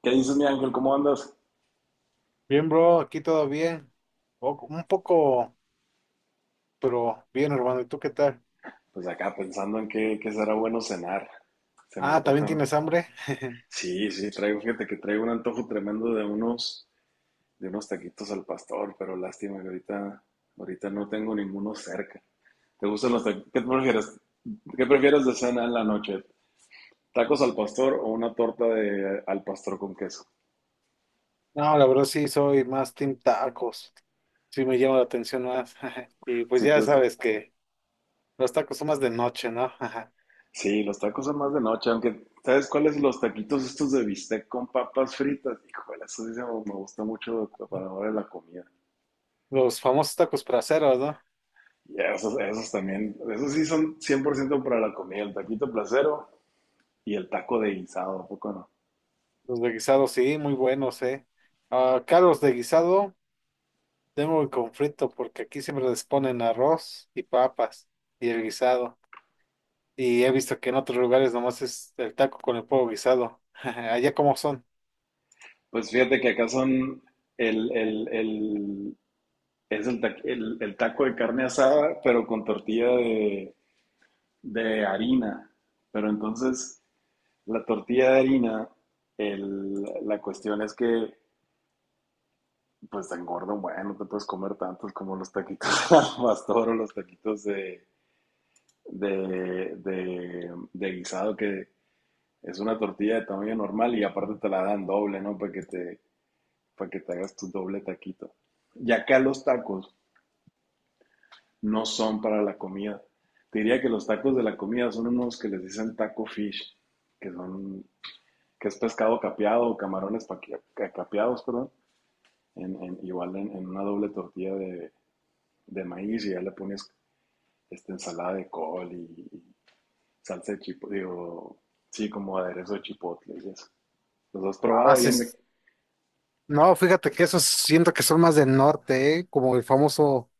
¿Qué dices, mi ángel? ¿Cómo andas? Bien, bro, aquí todo bien. Un poco, pero bien, hermano. ¿Y tú qué tal? Pues acá pensando en qué será bueno cenar. Se me ¿También antojan. tienes hambre? Sí, sí, fíjate que traigo un antojo tremendo de unos taquitos al pastor, pero lástima que ahorita no tengo ninguno cerca. ¿Te gustan los taquitos? ¿Qué prefieres? ¿Qué prefieres de cena en la noche? ¿Tacos al pastor o una torta de al pastor con queso? No, la verdad sí, soy más team tacos. Sí me llama la atención más. Y pues Sí, ya tú estás- sabes que los tacos son más de noche, ¿no? sí, los tacos son más de noche, aunque ¿sabes cuáles? Los taquitos estos de bistec con papas fritas. Híjole, eso sí se me gusta mucho para ahora la comida. Los famosos tacos praceros, ¿no? Ya, esos también, esos sí son 100% para la comida, el taquito placero y el taco de guisado, ¿a poco no? Los de guisado, sí, muy buenos, ¿eh? Acá los de guisado tengo el conflicto porque aquí siempre les ponen arroz y papas y el guisado. Y he visto que en otros lugares nomás es el taco con el pollo guisado. Allá cómo son. Pues fíjate que acá son Eh, el, es el, ta- el taco de carne asada, pero con tortilla de harina. Pero entonces, la tortilla de harina, la cuestión es que, pues te engorda, bueno, no te puedes comer tantos como los taquitos al pastor o los taquitos de guisado que, es una tortilla de tamaño normal y aparte te la dan doble, ¿no? Para que te hagas tu doble taquito. Y acá los tacos no son para la comida. Te diría que los tacos de la comida son unos que les dicen taco fish, que son, que es pescado capeado o camarones capeados, perdón, igual en una doble tortilla de maíz y ya le pones esta ensalada de col y salsa de chipotle, digo, sí, como aderezo de chipotle y eso. ¿Los has probado ahí en Haces. No, fíjate que esos siento que son más del norte, ¿eh? Como el famoso.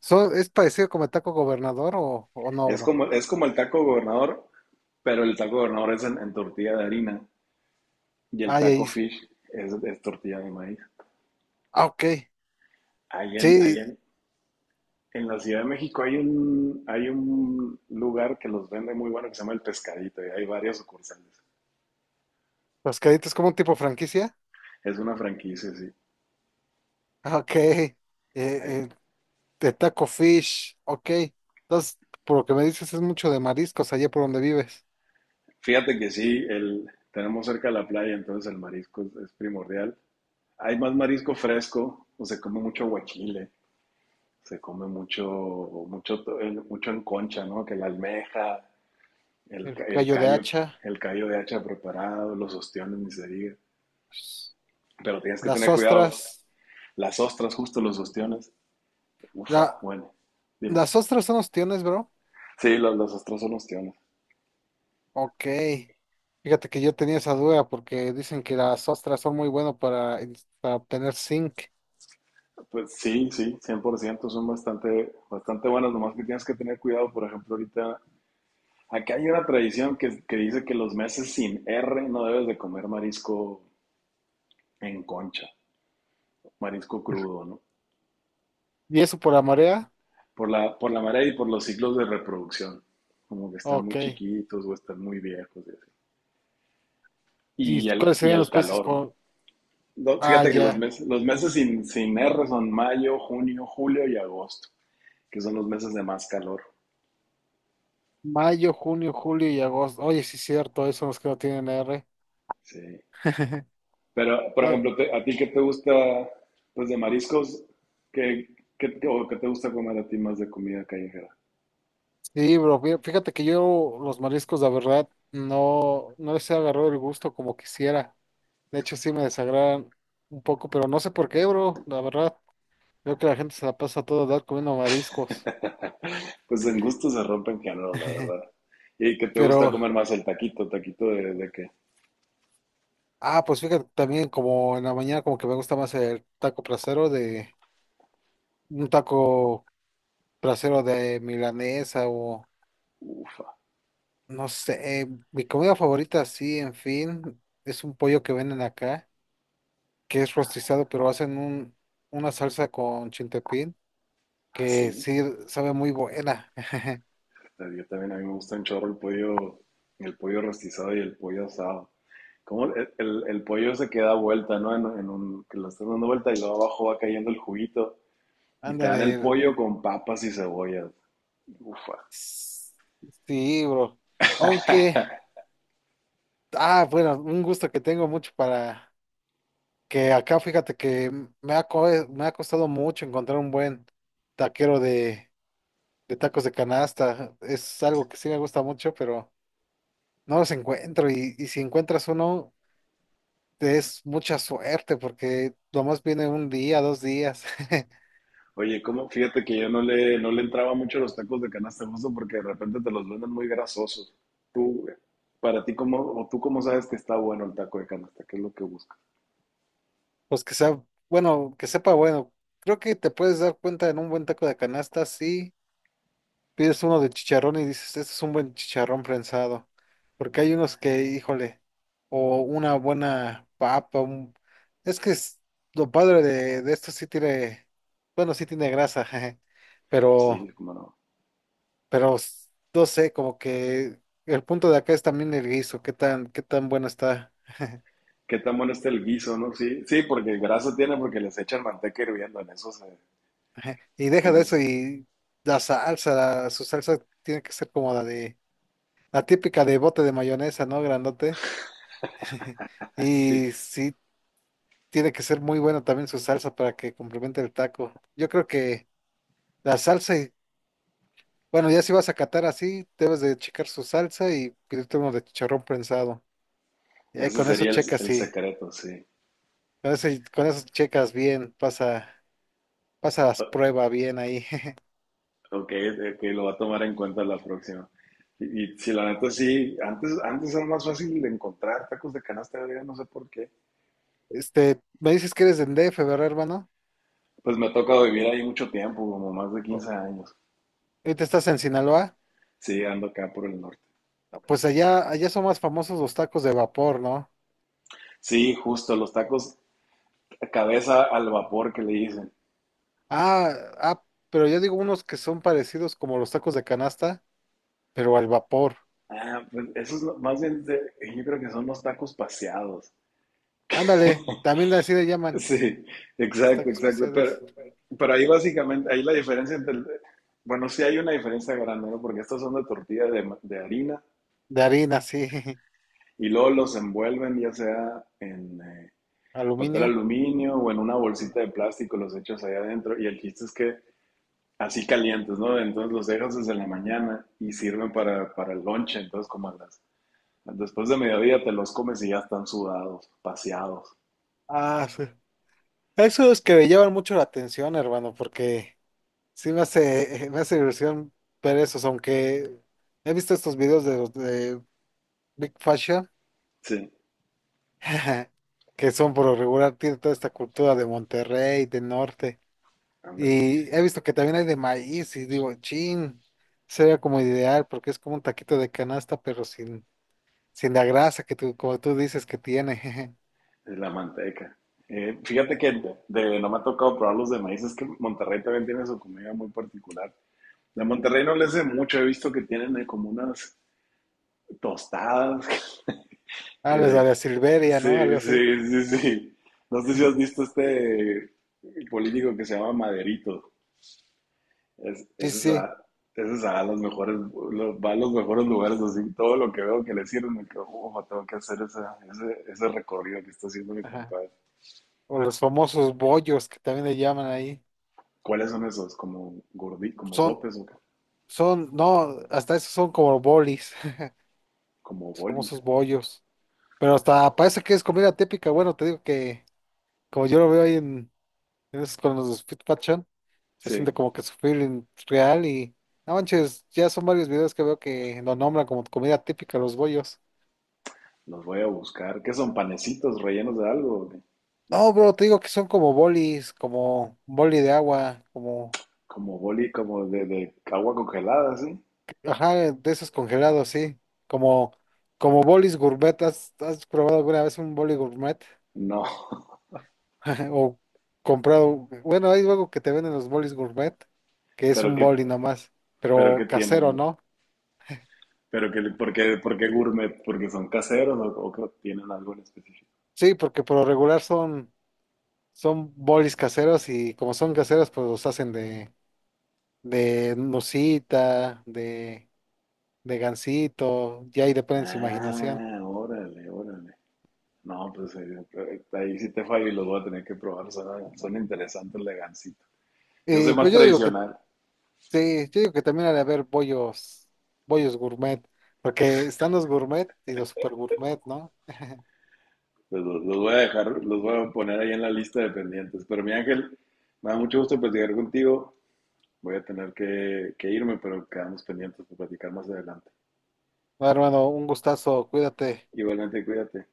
¿Es parecido como el taco gobernador o no, bro? Es como el taco gobernador, pero el taco gobernador es en tortilla de harina y el Ay, ahí. taco es- fish es tortilla de maíz. Ah, ok. Ahí en, ahí Sí, en, en la Ciudad de México hay un lugar que los vende muy bueno que se llama El Pescadito y hay varias sucursales. los caditos como un tipo franquicia. Es una franquicia, sí. Ah, ok. Hay- eh, de taco fish. Ok. Entonces, por lo que me dices, es mucho de mariscos allá por donde vives. fíjate que sí, el, tenemos cerca la playa, entonces el marisco es primordial. Hay más marisco fresco, o se come mucho guachile, se come mucho, mucho en concha, ¿no? Que la almeja, el, El el callo de callo, hacha, el callo de hacha preparado, los ostiones, ni se diga. Pero tienes que las tener cuidado. ostras. Las ostras, justo los ostiones. Ufa, La bueno, dime. ¿Las ostras son ostiones, bro? Sí, las ostras son ostiones. Ok. Fíjate que yo tenía esa duda porque dicen que las ostras son muy buenas para obtener zinc. Pues sí, sí, 100% son bastante, bastante buenas, nomás que tienes que tener cuidado, por ejemplo, ahorita, acá hay una tradición que dice que los meses sin R no debes de comer marisco en concha, marisco crudo, ¿no? ¿Y eso por la marea? Por la marea y por los ciclos de reproducción, como que están Ok. muy chiquitos o están muy viejos. Y ¿Y Y el, cuáles y serían el los países calor. con... No, Ah, fíjate que ya. Los meses sin R son mayo, junio, julio y agosto, que son los meses de más calor. Mayo, junio, julio y agosto. Oye, sí es cierto, esos son los que no tienen R. Sí. Pero, por Ah, ejemplo, te- ¿a ti qué te gusta, pues, de mariscos? ¿Qué, o qué te gusta comer a ti más de comida callejera? sí, bro, fíjate que yo los mariscos, la verdad, no les he agarrado el gusto como quisiera. De hecho, sí me desagradan un poco, pero no sé por qué, bro, la verdad. Creo que la gente se la pasa a toda edad comiendo mariscos. Pues en gusto se rompen géneros, la verdad. ¿Y qué te gusta Pero, comer más el taquito? ¿Taquito de qué? ah, pues fíjate, también como en la mañana como que me gusta más el taco placero de, un taco placero de milanesa o, Ufa, no sé, mi comida favorita, sí, en fin, es un pollo que venden acá, que es rostizado, pero hacen un, una salsa con chintepín, que así. sí sabe muy buena. Yo también, a mí me gusta un chorro el pollo rostizado y el pollo asado. Como el pollo se queda vuelta, ¿no? Que lo estás dando vuelta y luego abajo va cayendo el juguito. Y te dan Ándale, el pollo con papas y cebollas. Ufa. sí, bro. Aunque... Ah, bueno, un gusto que tengo mucho para que acá fíjate que me ha costado mucho encontrar un buen taquero de tacos de canasta. Es algo que sí me gusta mucho, pero no los encuentro. Y si encuentras uno, te es mucha suerte porque lo más viene un día, dos días. Oye, ¿cómo? Fíjate que yo no le entraba mucho a los tacos de canasta justo porque de repente te los venden muy grasosos. Tú, para ti, ¿cómo, o tú cómo sabes que está bueno el taco de canasta? ¿Qué es lo que buscas? Pues que sea, bueno, que sepa, bueno, creo que te puedes dar cuenta en un buen taco de canasta, sí pides uno de chicharrón y dices, este es un buen chicharrón prensado. Porque hay unos que, híjole, o una buena papa, es que es- lo padre de esto sí tiene, bueno, sí tiene grasa, jeje, Sí, pero, cómo no. pero no sé, como que el punto de acá es también el guiso, qué tan bueno está. ¿Qué tan bueno está el guiso, no? Sí, sí, porque grasa tiene porque les echan manteca hirviendo en eso. Se, Jeje. Y deja en de eso eso. y la salsa, su salsa tiene que ser como la de, la típica de bote de mayonesa, ¿no? Grandote. Sí, Y sí, tiene que ser muy buena también su salsa para que complemente el taco. Yo creo que la salsa y, bueno, ya si vas a catar así, debes de checar su salsa y pedirte uno de chicharrón prensado. Y ahí ese con eso sería el, checas el sí. secreto, sí. Con eso, con eso checas bien, pasas prueba bien ahí. Ok, ok, lo va a tomar en cuenta la próxima. Y si la neta sí, antes era más fácil de encontrar tacos de canasta griega, no sé por qué. Este, me dices que eres de DF, ¿verdad, hermano? Pues me ha tocado vivir ahí mucho tiempo, como más de O- 15 años. Ahorita estás en Sinaloa. Sí, ando acá por el norte. Pues allá son más famosos los tacos de vapor, ¿no? Sí, justo, los tacos cabeza al vapor que le dicen. Ah, ah, pero yo digo unos que son parecidos como los tacos de canasta, pero al vapor. Ah, pues eso es lo- más bien, de- yo creo que son los tacos paseados. Ándale, también así le llaman. Sí, Los exacto, tacos exacto. Paseados. Pero ahí básicamente, ahí la diferencia entre el- bueno, sí hay una diferencia grande, ¿no? Porque estos son de tortilla de, ma- de harina. De harina, sí. Y luego los envuelven ya sea en papel Aluminio. aluminio o en una Sí. bolsita de plástico, los echas ahí adentro y el chiste es que así calientes, ¿no? Entonces los dejas desde la mañana y sirven para el lonche, entonces como a las... Después de mediodía te los comes y ya están sudados, paseados. Ah, sí. Esos que me llaman mucho la atención, hermano, porque sí me hace, me hace ilusión ver esos, aunque he visto estos videos de los de Big Fashion, Sí, que son por lo regular, tiene toda esta cultura de Monterrey, de norte, ándale, y he visto que también hay de maíz, y digo, chin, sería como ideal, porque es como un taquito de canasta, pero sin sin la grasa que tú, como tú dices que tiene. Jeje. es la manteca. Fíjate que de- no me ha tocado probarlos de maíz, es que Monterrey también tiene su comida muy particular. De Monterrey no le sé mucho, he visto que tienen como unas tostadas Ah, que los de de la Silveria, sí, ¿no? Algo sí, así. sí. No sé si has visto este político que se llama Maderito. Es, Sí, ese se sí. va, ese se va a los mejores, los- va a los mejores lugares, así todo lo que veo que le sirve, me quedo, "Ufa, tengo que hacer esa- ese recorrido que está haciendo mi Ajá. compadre". O los famosos bollos que también le llaman ahí. ¿Cuáles son esos? ¿Como gordi, como Son, sopes o qué? No, hasta esos son como bolis. ¿Como Los bolis? famosos bollos. Pero hasta parece que es comida típica. Bueno, te digo que, como yo lo veo ahí en esos con los Fit Fashion, se Sí, siente como que su feeling real y. No manches, ya son varios videos que veo que lo nombran como comida típica los bollos. los voy a buscar. ¿Qué son? ¿Panecitos rellenos de algo? ¿O qué? No, bro, te digo que son como bolis, como boli de agua, como, Como boli, como de agua congelada, ¿sí? ajá, de esos congelados, sí. Como, como bolis gourmet. ¿Has, has probado alguna vez un boli gourmet? No, O comprado, bueno, hay algo que te venden los bolis gourmet, que es pero un ¿qué, boli nomás, pero pero qué casero, tiene? ¿no? Pero que, por qué gourmet? ¿Porque son caseros o que tienen algo en específico? Sí, porque por lo regular son, son bolis caseros y como son caseros, pues los hacen de nucita, de gansito, ya ahí depende de su imaginación. Ah, órale, órale. No, pues ahí sí te fallo y los voy a tener que probar. Son, son interesantes, la Gansito. Yo soy más Pues yo digo que tradicional. sí, yo digo que también ha de haber bollos, bollos gourmet, porque están los gourmet y los super gourmet, ¿no? Pues, los voy a dejar, los voy a poner ahí en la lista de pendientes. Pero mi Ángel, me da mucho gusto platicar contigo. Voy a tener que irme, pero quedamos pendientes para platicar más adelante. Bueno, hermano, un gustazo, cuídate. Igualmente, cuídate.